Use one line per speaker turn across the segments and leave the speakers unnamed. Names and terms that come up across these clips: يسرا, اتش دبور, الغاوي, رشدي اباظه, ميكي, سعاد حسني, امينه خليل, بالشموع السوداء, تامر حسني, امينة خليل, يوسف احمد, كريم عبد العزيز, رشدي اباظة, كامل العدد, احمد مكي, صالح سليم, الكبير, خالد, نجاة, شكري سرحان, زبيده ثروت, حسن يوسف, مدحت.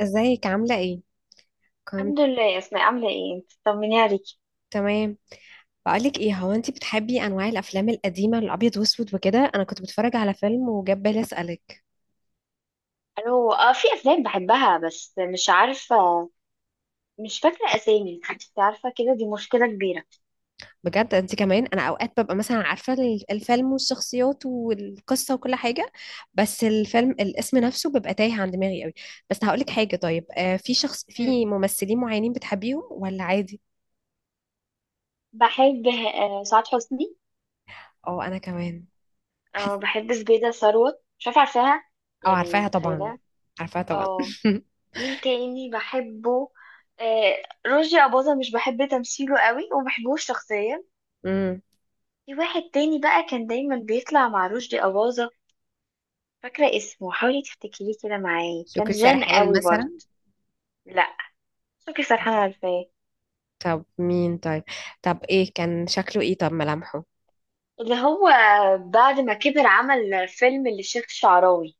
ازيك عاملة ايه؟ كنت
الحمد لله يا اسماء، عامله ايه؟ انت طمني عليكي.
تمام. بقولك ايه، هو انتي بتحبي انواع الافلام القديمة الابيض واسود وكده؟ انا كنت بتفرج على فيلم وجاب بالي اسألك.
الو، اه، في افلام بحبها بس مش عارفه، مش فاكره اسامي. انت عارفه كده، دي مشكله كبيره.
بجد؟ انتي كمان؟ انا اوقات ببقى مثلا عارفة الفيلم والشخصيات والقصة وكل حاجة، بس الفيلم الاسم نفسه بيبقى تايه عن دماغي قوي. بس هقولك حاجة، طيب
مم.
في ممثلين معينين بتحبيهم ولا عادي؟
بحب سعاد حسني.
اه، انا كمان.
اه
بحس.
بحب زبيده ثروت، مش عارفه عارفاها؟
اه،
يعني
عارفاها طبعا،
متخيله.
عارفاها طبعا.
اه، مين تاني بحبه؟ رشدي اباظه، مش بحب تمثيله قوي وما بحبوش شخصيا.
امم
في واحد تاني بقى كان دايما بيطلع مع رشدي اباظه. فاكره اسمه، حاولي تفتكريه كده معايا، كان
شكري
جان
سرحان
قوي برضه.
مثلا.
لا مش فاكر، سرحانة ولا ايه؟
طب مين طيب؟ طب ايه كان شكله؟ ايه طب ملامحه؟
اللي هو بعد ما كبر عمل فيلم للشيخ الشعراوي.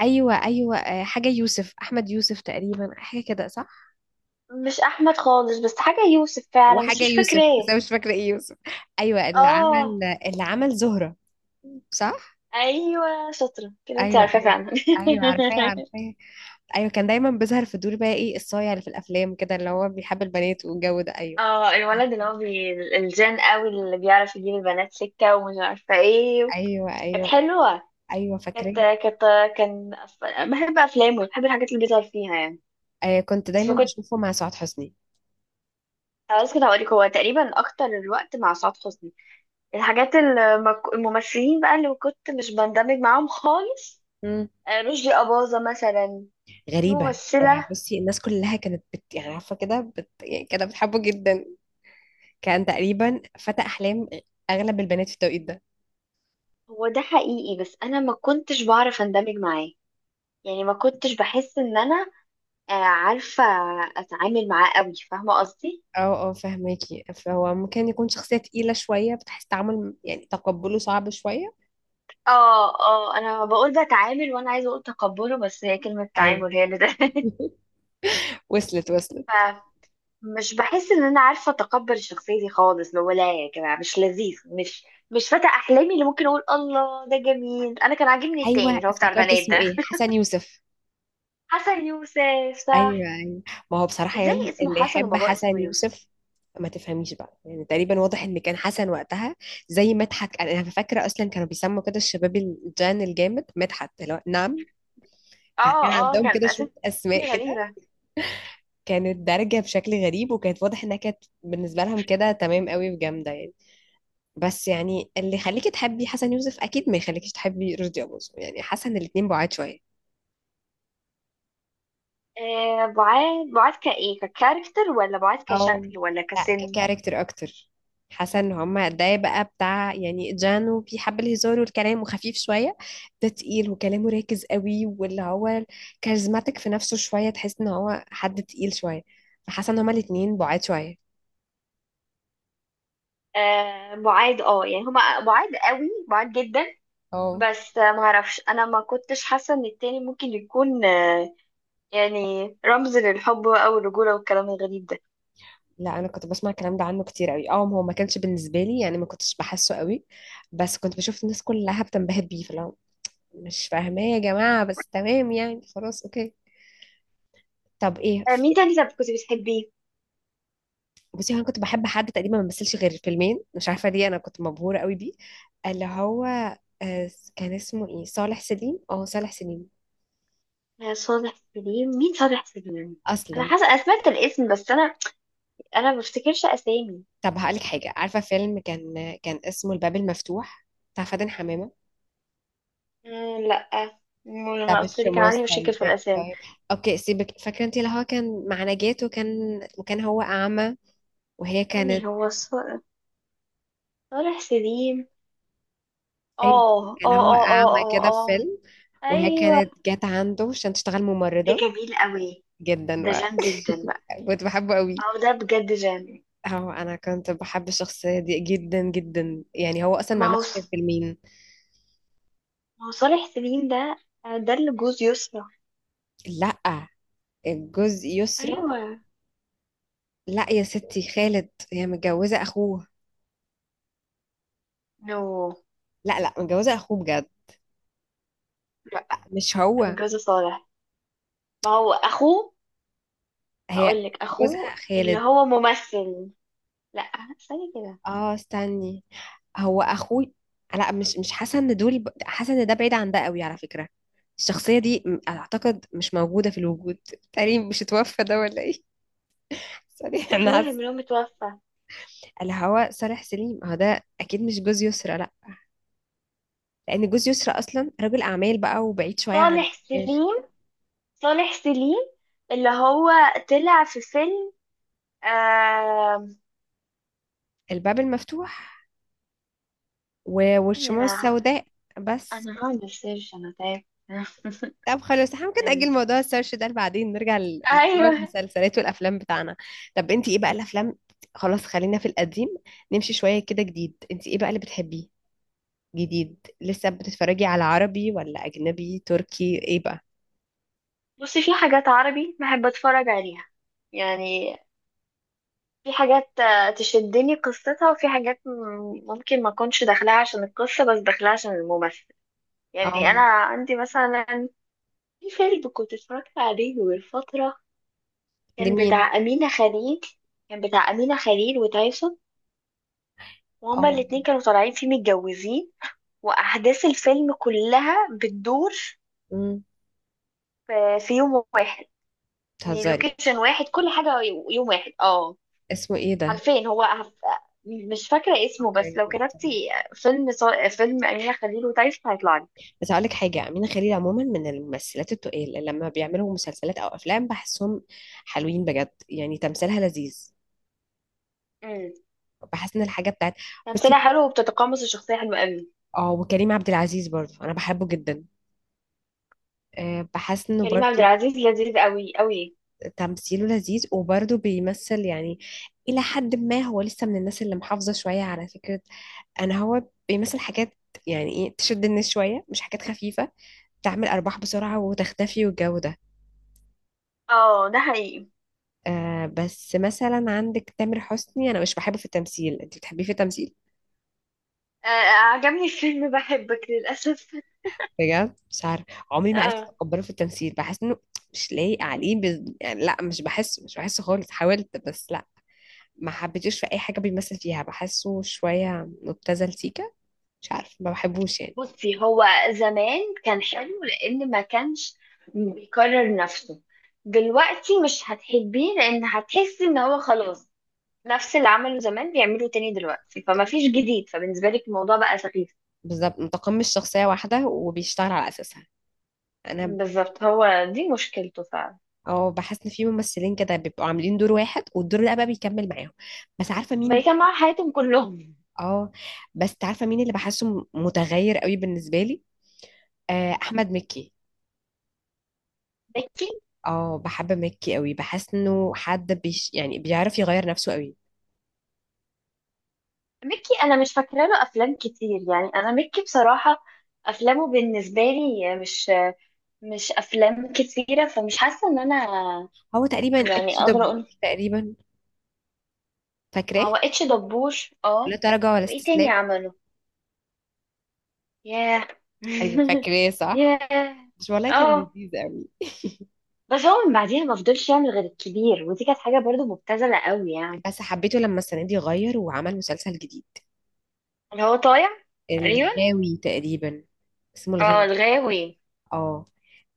ايوه ايوه، حاجه يوسف، احمد يوسف تقريبا، حاجه كده صح.
مش احمد خالص، بس حاجة يوسف فعلا، بس
وحاجه
مش فاكرة
يوسف، بس انا
ايه.
مش فاكره ايه يوسف. ايوه، اللي عمل
اه
اللي عمل زهره. صح.
ايوه، شاطره كده، انت
ايوه
عارفة
ايوه.
فعلا.
ايوه، عارفاه عارفاه. ايوه كان دايما بيظهر في دور، بقى ايه الصايع اللي في الافلام كده، اللي هو بيحب البنات والجو ده، ايوه
اه، الولد اللي
عارفاه،
هو بي... الجان قوي اللي بيعرف يجيب البنات سكه ومش عارفه ايه.
ايوه
كانت
ايوه،
حلوه.
ايوه
كانت
فاكراه.
كانت كان بحب افلامه، بحب الحاجات اللي بيظهر فيها يعني.
كنت
بس
دايما
ما كنت.
بشوفه مع سعاد حسني.
خلاص كده هقولك، هو تقريبا اكتر الوقت مع سعاد حسني. الحاجات اللي ما ك- الممثلين بقى اللي كنت مش بندمج معاهم خالص،
مم.
رشدي أباظة مثلا. في
غريبة.
ممثلة.
بصي، الناس كلها كانت يعني عارفة كده يعني كانت بتحبه جدا، كان تقريبا فتى أحلام أغلب البنات في التوقيت ده.
هو ده حقيقي، بس أنا ما كنتش بعرف أندمج معاه. يعني ما كنتش بحس إن أنا، عارفة، أتعامل معاه قوي، فاهمة قصدي؟
اه اه، فهماكي، فهو ممكن يكون شخصية تقيلة شوية، بتحس تعامل يعني تقبله صعب شوية.
اه اه، انا بقول بتعامل وانا عايزه اقول تقبله، بس هي كلمه
أيوة.
تعامل هي اللي ده.
وصلت وصلت.
مش بحس ان انا عارفه اتقبل شخصيتي خالص، ولا يا جماعه مش لذيذ، مش مش فتى احلامي اللي ممكن اقول الله ده جميل. انا كان عاجبني التاني
أيوة،
اللي هو بتاع
افتكرت
البنات
اسمه ايه،
ده.
حسن يوسف.
حسن يوسف،
ايوه
صح.
ايوه. ما هو بصراحه
ازاي
يعني
اسمه
اللي
حسن
يحب
وباباه اسمه
حسن
يوسف؟
يوسف، ما تفهميش بقى، يعني تقريبا واضح ان كان حسن وقتها زي مدحت. انا فاكره اصلا كانوا بيسموا كده الشباب الجان الجامد مدحت، اللي هو نعم.
اه
فكان
اه،
عندهم
كان
كده شويه
اسامي
اسماء كده،
غريبه.
كانت دارجه بشكل غريب، وكانت واضح انها كانت بالنسبه لهم كده تمام قوي وجامده يعني. بس يعني اللي يخليكي تحبي حسن يوسف اكيد ما يخليكيش تحبي رشدي اباظة، يعني حسن الاتنين بعاد شويه.
آه بعاد، بعاد كايه، ككاركتر ولا بعاد
او،
كشكل ولا
لا،
كسن؟
ككاركتر اكتر. حاسه ان هما، ده بقى بتاع يعني جانو، بيحب الهزار والكلام وخفيف شويه، ده تقيل وكلامه راكز قوي، واللي هو كاريزماتيك في نفسه شويه، تحس ان هو حد تقيل شويه، فحاسه ان هما الاتنين بعاد شويه.
آه بعاد، اه يعني هما بعاد قوي، بعاد جدا.
اه.
بس معرفش، انا ما كنتش حاسه ان التاني ممكن يكون، يعني رمز للحب بقى والرجولة والكلام الغريب ده.
لا، انا كنت بسمع الكلام ده عنه كتير قوي، اه هو ما كانش بالنسبه لي يعني، ما كنتش بحسه قوي، بس كنت بشوف الناس كلها بتنبهر بيه. فلو مش فاهماه يا جماعه، بس تمام يعني، خلاص اوكي. طب ايه؟
مين تاني طب كنت بتحبيه؟
بصي هو انا كنت بحب حد تقريبا ما مثلش غير فيلمين، مش عارفه ليه انا كنت مبهوره قوي بيه، اللي هو كان اسمه ايه؟ صالح سليم، اه صالح سليم
صالح سليم، مين صالح سليم؟ أنا
اصلا.
حاسة أنا سمعت الاسم، بس أنا، أنا ما بفتكرش أسامي.
طب هقولك حاجه، عارفه فيلم كان اسمه الباب المفتوح بتاع فاتن حمامه،
مم، لأ. مم،
بتاع
لما قلت لي كان
بالشموع
عندي مشاكل في
السوداء،
الأسامي.
طيب اوكي سيبك، فاكره انت اللي هو كان مع نجاة، وكان هو اعمى، وهي كانت،
تاني هو صالح سليم؟
ايوه،
اه اه
كان هو
اه اه
اعمى
اه
كده في
اه،
فيلم، وهي
أيوه.
كانت جت عنده عشان تشتغل
ده
ممرضه.
جميل قوي.
جدا
ده
بقى.
جامد جدا بقى.
كنت بحبه قوي.
اه ده بجد جامد.
هو انا كنت بحب الشخصيه دي جدا جدا يعني، هو اصلا ما
ما هو
عملش كده في
ص-
فيلمين.
ما هو صالح سليم ده، ده اللي جوز يسرا.
لا، الجزء يسرا.
أيوه.
لا يا ستي، خالد، هي متجوزه اخوه.
نو،
لا لا، متجوزه اخوه بجد، مش هو.
متجوزة صالح، ما هو أخوه.
هي
هقول لك
جوزها
أخوه اللي
خالد.
هو ممثل. لا استني كده.
اه، استني، هو اخوه. لا، مش حاسه ان دول حاسه ان ده بعيد عن ده قوي على فكره، الشخصيه دي اعتقد مش موجوده في الوجود تقريبا، مش اتوفى ده ولا ايه؟ صالح،
هو
انا
في واحد
حاسه
منهم متوفى.
اللي هو صالح سليم، هو ده اكيد مش جوز يسرا. لا، لان جوز يسرى اصلا رجل اعمال بقى، وبعيد شويه عن
صالح
الشاشه.
سليم صالح سليم اللي هو طلع في فيلم آه...
الباب المفتوح والشموع
أنا،
السوداء بس.
أنا هعمل سيرش، أنا تعبت.
طب خلاص، احنا ممكن نأجل موضوع السيرش ده، بعدين نرجع لموضوع
أيوه.
المسلسلات والافلام بتاعنا. طب انت ايه بقى الافلام؟ خلاص، خلينا في القديم، نمشي شويه كده جديد، انت ايه بقى اللي بتحبيه جديد؟ لسه بتتفرجي على عربي ولا اجنبي، تركي، ايه بقى؟
بصي في حاجات عربي بحب أتفرج عليها، يعني في حاجات تشدني قصتها، وفي حاجات ممكن ما أكونش داخلها عشان القصة بس داخلها عشان الممثل. يعني
اه.
انا عندي مثلا، في فيلم كنت اتفرجت عليه من فتره، كان
لمين؟
بتاع امينه خليل. كان بتاع امينه خليل وتايسون، وهما
اه.
الاتنين كانوا طالعين فيه متجوزين. واحداث الفيلم كلها بتدور
امم.
في في يوم واحد، يعني
بتهزري.
لوكيشن واحد كل حاجه، يوم واحد اه.
اسمه ايه ده؟
عارفين هو مش فاكره اسمه، بس
اوكي.
لو كتبتي فيلم فيلم امينه خليل وتايسون هيطلع لك.
بس هقول لك حاجه، امينه خليل عموما من الممثلات التقال اللي لما بيعملوا مسلسلات او افلام بحسهم حلوين بجد، يعني تمثيلها لذيذ.
امم،
بحس ان الحاجه بتاعت،
تمثيلها
بصي،
حلو وبتتقمص الشخصيه حلوه قوي.
اه، وكريم عبد العزيز برضه انا بحبه جدا، أه بحس انه
كريم عبد
برضه
العزيز لذيذ قوي قوي.
تمثيله لذيذ، وبرضه بيمثل يعني الى حد ما هو لسه من الناس اللي محافظه شويه على فكره. انا، هو بيمثل حاجات يعني ايه تشد الناس شويه، مش حاجات خفيفه تعمل ارباح بسرعه وتختفي والجو ده.
اه ده حقيقي.
بس مثلا عندك تامر حسني، انا مش بحبه في التمثيل، انت بتحبيه في التمثيل؟
عجبني الفيلم بحبك للأسف.
بجد مش عارف، عمري ما عرفت
اه،
اتقبله في التمثيل، بحس انه مش لايق عليه يعني لا، مش بحسه مش بحسه خالص، حاولت بس لا، ما حبيتوش في اي حاجه بيمثل فيها، بحسه شويه مبتذل سيكا، مش عارف، ما بحبوش يعني.
بصي هو زمان كان حلو، لأن ما كانش بيكرر نفسه. دلوقتي مش هتحبيه لأن هتحسي إن هو خلاص نفس اللي عمله زمان بيعمله تاني دلوقتي، فما فيش جديد، فبالنسبة لك الموضوع بقى سخيف.
بالظبط، متقمص شخصيه واحده وبيشتغل على اساسها. انا
بالظبط، هو دي مشكلته فعلا،
اه، بحس ان في ممثلين كده بيبقوا عاملين دور واحد، والدور ده بقى بيكمل معاهم. بس عارفه مين
بقى كان مع حياتهم كلهم.
اه بس عارفه مين اللي بحسه متغير قوي بالنسبه لي؟ احمد مكي.
ميكي،
اه، بحب مكي قوي، بحس انه حد بيش يعني بيعرف يغير نفسه قوي.
ميكي أنا مش فاكرة له أفلام كتير، يعني أنا ميكي بصراحة أفلامه بالنسبة لي مش، مش افلام كتيره، فمش حاسه ان انا
هو تقريبا
يعني
اتش
اقدر
دبور
اقول.
تقريبا،
ما
فاكراه
هو اتش دبور اه.
لا تراجع ولا
وايه تاني
استسلام؟
عمله؟ ياه.
ايوه فاكراه صح.
ياه
مش والله كان
اه.
لذيذ قوي.
بس هو من بعديها ما فضلش يعمل غير الكبير، ودي كانت حاجه برضو مبتذله قوي يعني.
بس حبيته لما السنه دي غير، وعمل مسلسل جديد،
اللي هو طايع، تقريبا.
الغاوي تقريبا، اسمه
اه
الغاوي
الغاوي.
اه.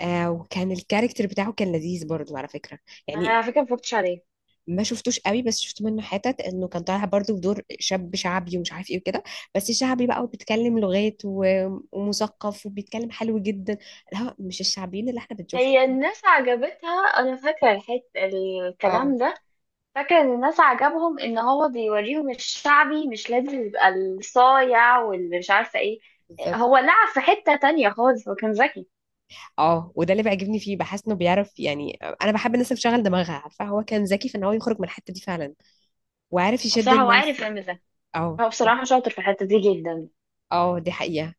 وكان الكاركتر بتاعه كان لذيذ برضو على فكرة،
انا
يعني
على فكره مفكرتش عليه.
ما شفتوش قوي، بس شفت منه حتت انه كان طالع برضو بدور شاب شعبي ومش عارف ايه وكده، بس شعبي بقى وبيتكلم لغات ومثقف وبيتكلم حلو جدا، لا مش الشعبيين اللي احنا بنشوفهم.
هي الناس عجبتها. انا فاكره الحته
اه،
الكلام ده. فاكرة ان الناس عجبهم ان هو بيوريهم الشعبي مش لازم يبقى الصايع واللي مش عارفة ايه.
بالظبط.
هو لعب في حتة تانية خالص، هو كان ذكي.
اه، وده اللي بيعجبني فيه، بحس انه بيعرف يعني، انا بحب الناس اللي بتشغل دماغها، عارفه هو كان ذكي في ان هو يخرج من الحته دي فعلا، وعارف يشد
بصراحة هو عارف
الناس.
يعمل ده.
اه،
هو بصراحة شاطر في الحتة دي جدا.
اه، دي حقيقه،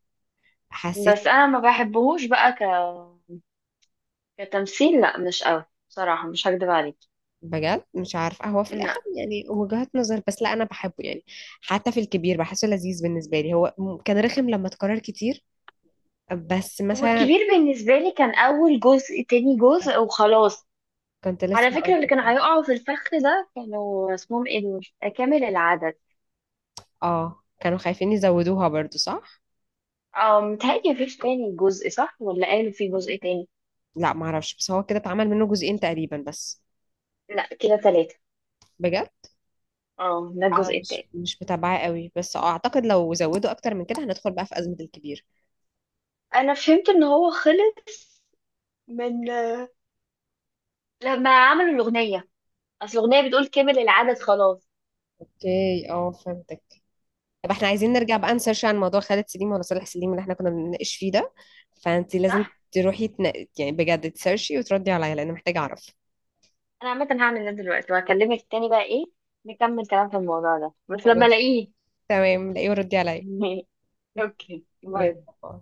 حسيت.
بس انا ما بحبهوش بقى ك... كتمثيل، لا مش قوي بصراحة، مش هكدب عليك.
بجد مش عارفة، هو في الآخر
لا.
يعني وجهات نظر، بس لا أنا بحبه يعني. حتى في الكبير بحسه لذيذ بالنسبة لي، هو كان رخم لما اتكرر كتير، بس
هو
مثلا
الكبير بالنسبة لي كان اول جزء تاني جزء وخلاص.
كنت لسه
على فكرة
هقول
اللي
لك
كانوا
اه.
هيقعوا في الفخ ده كانوا اسمهم ايه دول، كامل العدد.
اه، كانوا خايفين يزودوها برضو صح؟
اه متهيألي مفيش تاني جزء، صح؟ ولا قالوا في جزء تاني؟
لا معرفش، بس هو كده اتعمل منه جزئين تقريبا بس.
لا كده تلاتة.
بجد؟
اه ده
أنا
الجزء
مش
التاني.
مش متابعة قوي، بس أعتقد لو زودوا أكتر من كده هندخل بقى في أزمة الكبير.
انا فهمت ان هو خلص من لما عملوا الاغنية. اصل الاغنية بتقول كمل العدد خلاص.
اوكي اه، فهمتك. طب احنا عايزين نرجع بقى نسيرش عن موضوع خالد سليم ولا صالح سليم اللي احنا كنا بنناقش فيه ده، فانت
صح.
لازم تروحي يعني بجد تسيرشي وتردي عليا لان محتاجة اعرف.
انا عامة هعمل ده دلوقتي وهكلمك تاني، بقى ايه، نكمل كلام في الموضوع ده بس لما
خلاص،
الاقيه.
تمام، لاقيه وردي عليا.
اوكي،
يلا
باي.
باي.